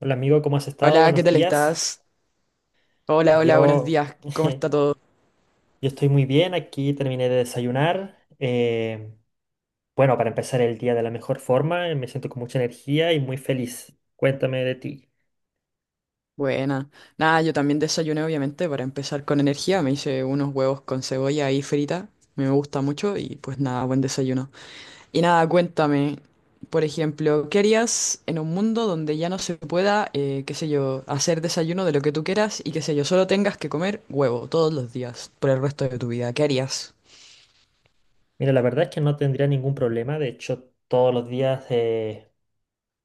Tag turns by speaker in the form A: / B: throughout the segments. A: Hola amigo, ¿cómo has estado?
B: Hola, ¿qué
A: Buenos
B: tal
A: días.
B: estás? Hola, hola, buenos
A: Yo,
B: días. ¿Cómo está todo?
A: yo estoy muy bien, aquí terminé de desayunar. Bueno, para empezar el día de la mejor forma, me siento con mucha energía y muy feliz. Cuéntame de ti.
B: Buena. Nada, yo también desayuné, obviamente, para empezar con energía. Me hice unos huevos con cebolla ahí frita. Me gusta mucho y pues nada, buen desayuno. Y nada, cuéntame, por ejemplo, ¿qué harías en un mundo donde ya no se pueda, qué sé yo, hacer desayuno de lo que tú quieras y qué sé yo, solo tengas que comer huevo todos los días por el resto de tu vida? ¿Qué harías?
A: Mira, la verdad es que no tendría ningún problema, de hecho todos los días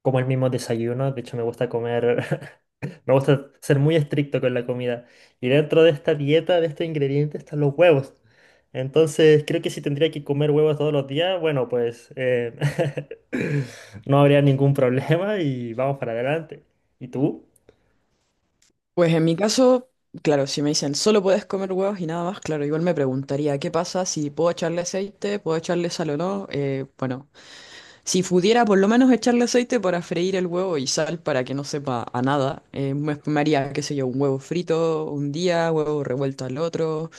A: como el mismo desayuno, de hecho me gusta comer, me gusta ser muy estricto con la comida. Y dentro de esta dieta, de este ingrediente, están los huevos. Entonces, creo que si tendría que comer huevos todos los días, bueno, pues, no habría ningún problema y vamos para adelante. ¿Y tú?
B: Pues en mi caso, claro, si me dicen solo puedes comer huevos y nada más, claro, igual me preguntaría qué pasa si puedo echarle aceite, puedo echarle sal o no. Bueno, si pudiera por lo menos echarle aceite para freír el huevo y sal para que no sepa a nada, me haría, qué sé yo, un huevo frito un día, huevo revuelto al otro.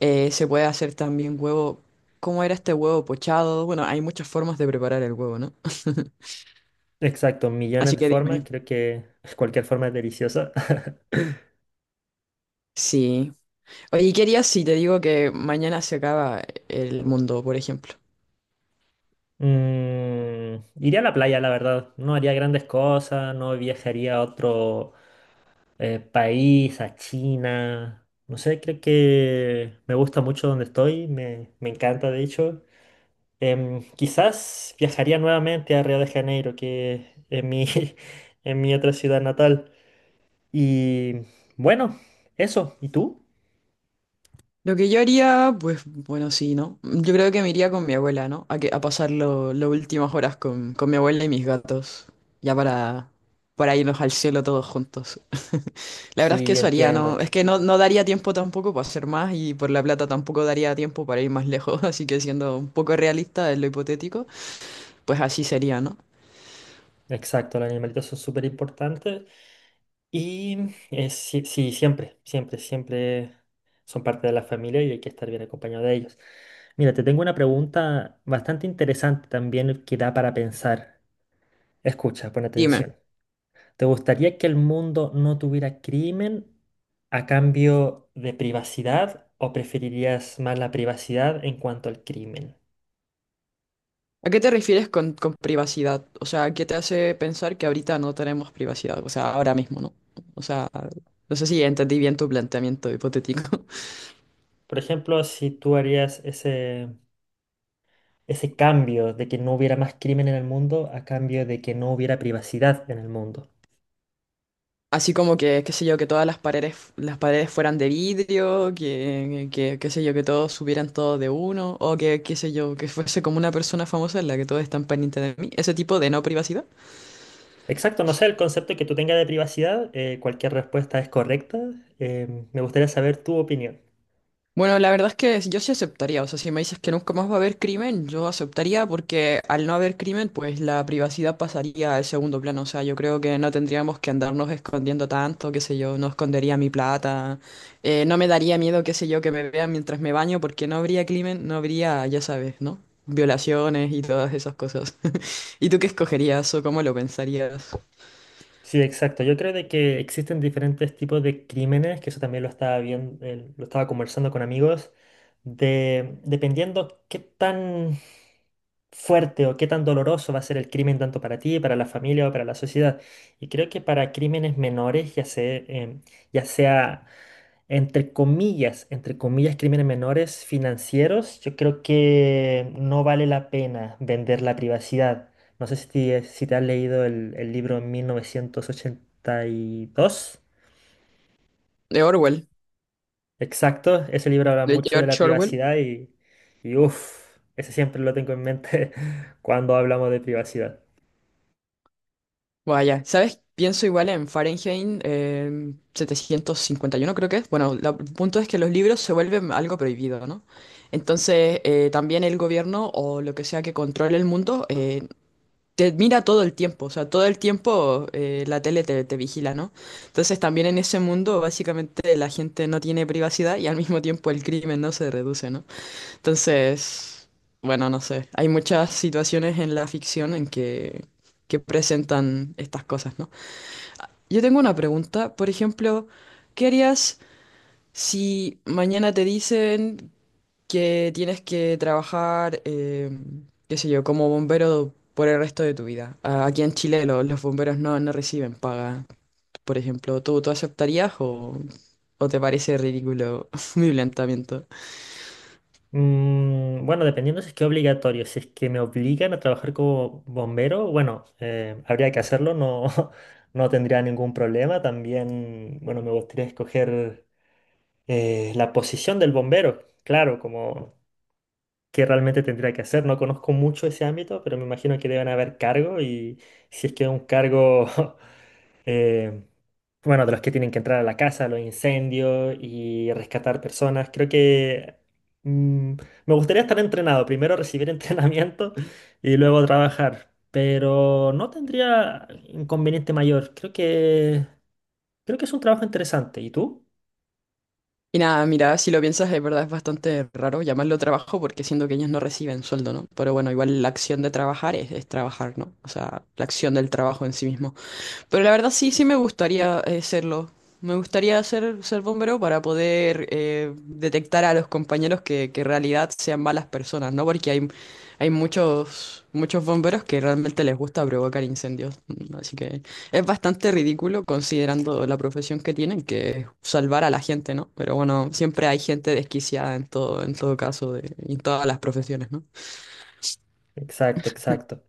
B: Se puede hacer también huevo, ¿cómo era este huevo pochado? Bueno, hay muchas formas de preparar el huevo, ¿no?
A: Exacto, millones
B: Así
A: de
B: que
A: formas,
B: dime.
A: creo que cualquier forma es deliciosa.
B: Sí. Oye, ¿qué harías si te digo que mañana se acaba el mundo, por ejemplo?
A: Mm, iría a la playa, la verdad. No haría grandes cosas, no viajaría a otro, país, a China. No sé, creo que me gusta mucho donde estoy, me encanta de hecho. Quizás viajaría nuevamente a Río de Janeiro, que es mi, es mi otra ciudad natal. Y bueno, eso. ¿Y tú?
B: Lo que yo haría, pues bueno, sí, ¿no? Yo creo que me iría con mi abuela, ¿no? A, que, a pasar las últimas horas con mi abuela y mis gatos, ya para, para irnos al cielo todos juntos. La verdad es que
A: Sí,
B: eso haría, ¿no?
A: entiendo.
B: Es que no, no daría tiempo tampoco para hacer más y por la plata tampoco daría tiempo para ir más lejos, así que siendo un poco realista en lo hipotético, pues así sería, ¿no?
A: Exacto, los animalitos son súper importantes y sí, sí, siempre, siempre, siempre son parte de la familia y hay que estar bien acompañado de ellos. Mira, te tengo una pregunta bastante interesante también que da para pensar. Escucha, pon
B: Dime.
A: atención. ¿Te gustaría que el mundo no tuviera crimen a cambio de privacidad o preferirías más la privacidad en cuanto al crimen?
B: ¿A qué te refieres con privacidad? O sea, ¿qué te hace pensar que ahorita no tenemos privacidad? O sea, ahora mismo, ¿no? O sea, no sé si entendí bien tu planteamiento hipotético.
A: Por ejemplo, si tú harías ese ese cambio de que no hubiera más crimen en el mundo a cambio de que no hubiera privacidad en el mundo.
B: Así como que, qué sé yo, que todas las paredes fueran de vidrio, qué sé yo, que todos subieran todo de uno, o que, qué sé yo, que fuese como una persona famosa en la que todos están pendientes de mí. Ese tipo de no privacidad.
A: Exacto, no sé, el concepto que tú tengas de privacidad, cualquier respuesta es correcta. Me gustaría saber tu opinión.
B: Bueno, la verdad es que yo sí aceptaría, o sea, si me dices que nunca más va a haber crimen, yo aceptaría porque al no haber crimen, pues la privacidad pasaría al segundo plano, o sea, yo creo que no tendríamos que andarnos escondiendo tanto, qué sé yo, no escondería mi plata, no me daría miedo, qué sé yo, que me vean mientras me baño porque no habría crimen, no habría, ya sabes, ¿no? Violaciones y todas esas cosas. ¿Y tú qué escogerías o cómo lo pensarías?
A: Sí, exacto. Yo creo de que existen diferentes tipos de crímenes, que eso también lo estaba viendo, lo estaba conversando con amigos, de dependiendo qué tan fuerte o qué tan doloroso va a ser el crimen tanto para ti, para la familia o para la sociedad. Y creo que para crímenes menores, ya sea, entre comillas, crímenes menores financieros, yo creo que no vale la pena vender la privacidad. No sé si te has leído el libro en 1982.
B: De Orwell,
A: Exacto, ese libro habla
B: de
A: mucho de la
B: George Orwell.
A: privacidad y uff, ese siempre lo tengo en mente cuando hablamos de privacidad.
B: Vaya, ¿sabes? Pienso igual en Fahrenheit 751 creo que es. Bueno, el punto es que los libros se vuelven algo prohibido, ¿no? Entonces, también el gobierno o lo que sea que controle el mundo te mira todo el tiempo, o sea, todo el tiempo te vigila, ¿no? Entonces, también en ese mundo, básicamente, la gente no tiene privacidad y al mismo tiempo el crimen no se reduce, ¿no? Entonces, bueno, no sé. Hay muchas situaciones en la ficción en que presentan estas cosas, ¿no? Yo tengo una pregunta, por ejemplo, ¿qué harías si mañana te dicen que tienes que trabajar, qué sé yo, como bombero por el resto de tu vida? Aquí en Chile los bomberos no, no reciben paga, por ejemplo, ¿tú aceptarías o te parece ridículo mi planteamiento?
A: Mm, bueno, dependiendo si es que es obligatorio, si es que me obligan a trabajar como bombero, bueno, habría que hacerlo, no, no tendría ningún problema. También, bueno, me gustaría escoger la posición del bombero, claro, como qué realmente tendría que hacer. No conozco mucho ese ámbito, pero me imagino que deben haber cargos y si es que es un cargo em, bueno, de los que tienen que entrar a la casa, los incendios y rescatar personas. Creo que mm, me gustaría estar entrenado. Primero recibir entrenamiento y luego trabajar. Pero no tendría inconveniente mayor. Creo que es un trabajo interesante. ¿Y tú?
B: Y nada, mira, si lo piensas, es verdad, es bastante raro llamarlo trabajo porque siendo que ellos no reciben sueldo, ¿no? Pero bueno, igual la acción de trabajar es trabajar, ¿no? O sea, la acción del trabajo en sí mismo. Pero la verdad sí, sí me gustaría serlo. Me gustaría ser, ser bombero para poder detectar a los compañeros que en realidad sean malas personas, ¿no? Porque hay muchos, muchos bomberos que realmente les gusta provocar incendios. Así que es bastante ridículo considerando la profesión que tienen, que es salvar a la gente, ¿no? Pero bueno, siempre hay gente desquiciada en todo caso, en todas las profesiones, ¿no?
A: Exacto, exacto.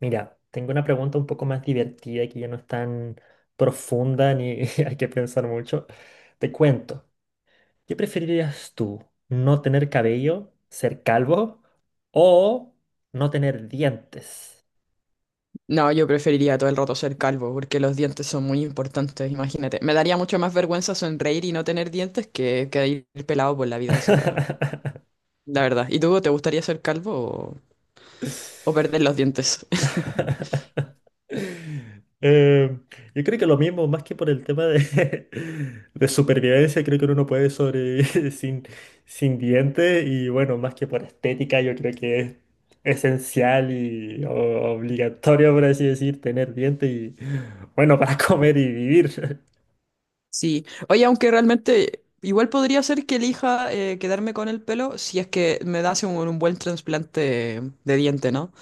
A: Mira, tengo una pregunta un poco más divertida que ya no es tan profunda ni hay que pensar mucho. Te cuento. ¿Qué preferirías tú? ¿No tener cabello? ¿Ser calvo? O no tener dientes.
B: No, yo preferiría todo el rato ser calvo porque los dientes son muy importantes, imagínate. Me daría mucho más vergüenza sonreír y no tener dientes que ir pelado por la vida, o sea, la verdad. ¿Y tú te gustaría ser calvo o perder los dientes?
A: Eh, yo creo que lo mismo, más que por el tema de de supervivencia, creo que uno no puede sobrevivir sin dientes y bueno, más que por estética, yo creo que es esencial y o- obligatorio, por así decir, tener dientes y bueno, para comer y vivir.
B: Sí. Oye, aunque realmente igual podría ser que elija quedarme con el pelo si es que me das un buen trasplante de diente, ¿no?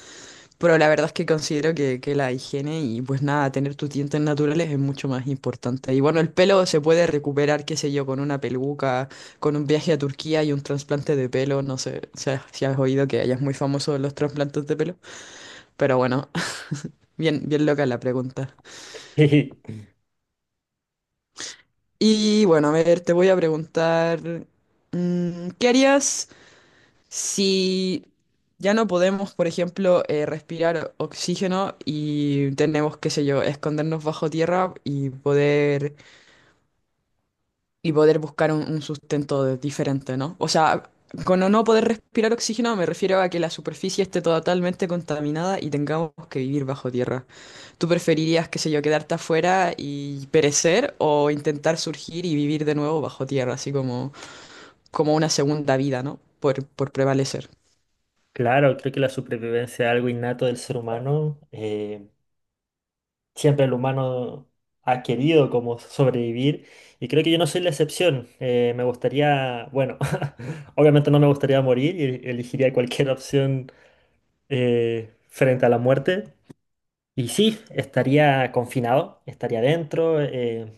B: Pero la verdad es que considero que la higiene y pues nada, tener tus dientes naturales es mucho más importante. Y bueno, el pelo se puede recuperar, qué sé yo, con una peluca, con un viaje a Turquía y un trasplante de pelo. No sé, o sea, si has oído que allá es muy famoso los trasplantes de pelo. Pero bueno, bien, bien loca la pregunta.
A: Y
B: Y bueno, a ver, te voy a preguntar, ¿qué harías si ya no podemos, por ejemplo, respirar oxígeno y tenemos, qué sé yo, escondernos bajo tierra y poder buscar un sustento diferente, ¿no? O sea, con no poder respirar oxígeno me refiero a que la superficie esté totalmente contaminada y tengamos que vivir bajo tierra. ¿Tú preferirías, qué sé yo, quedarte afuera y perecer o intentar surgir y vivir de nuevo bajo tierra, así como, como una segunda vida, ¿no? Por prevalecer.
A: claro, creo que la supervivencia es algo innato del ser humano. Siempre el humano ha querido como sobrevivir y creo que yo no soy la excepción. Me gustaría, bueno, obviamente no me gustaría morir y elegiría cualquier opción frente a la muerte. Y sí, estaría confinado, estaría dentro,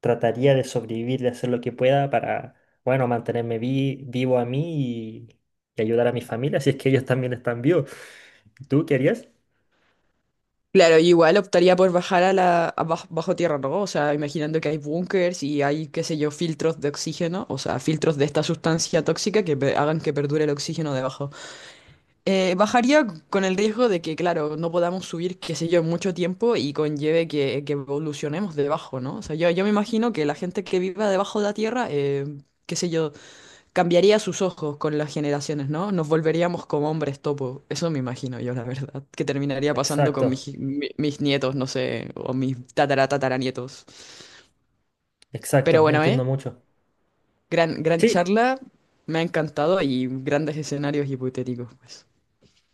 A: trataría de sobrevivir, de hacer lo que pueda para, bueno, mantenerme vi- vivo a mí y ayudar a mi familia, si es que ellos también están vivos. ¿Tú qué harías?
B: Claro, yo igual optaría por bajar a la a baj- bajo, tierra, ¿no? O sea, imaginando que hay búnkers y hay, qué sé yo, filtros de oxígeno, o sea, filtros de esta sustancia tóxica que hagan que perdure el oxígeno debajo. Bajaría con el riesgo de que, claro, no podamos subir, qué sé yo, mucho tiempo y conlleve que evolucionemos debajo, ¿no? O sea, yo me imagino que la gente que viva debajo de la tierra, qué sé yo, cambiaría sus ojos con las generaciones, ¿no? Nos volveríamos como hombres topo. Eso me imagino yo, la verdad. Que terminaría pasando
A: Exacto,
B: con mis, mis nietos, no sé, o mis tatara tataranietos. Pero
A: exacto,
B: bueno,
A: entiendo
B: ¿eh?
A: mucho.
B: Gran, gran
A: Sí.
B: charla. Me ha encantado y grandes escenarios hipotéticos, pues.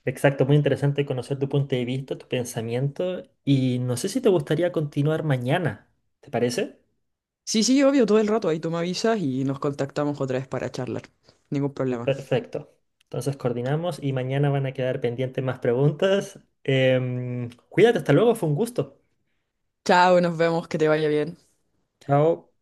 A: Exacto, muy interesante conocer tu punto de vista, tu pensamiento y no sé si te gustaría continuar mañana, ¿te parece?
B: Sí, sí, obvio, todo el rato. Ahí tú me avisas y nos contactamos otra vez para charlar. Ningún problema.
A: Perfecto. Entonces coordinamos y mañana van a quedar pendientes más preguntas. Cuídate, hasta luego, fue un gusto.
B: Chao, nos vemos, que te vaya bien.
A: Chao.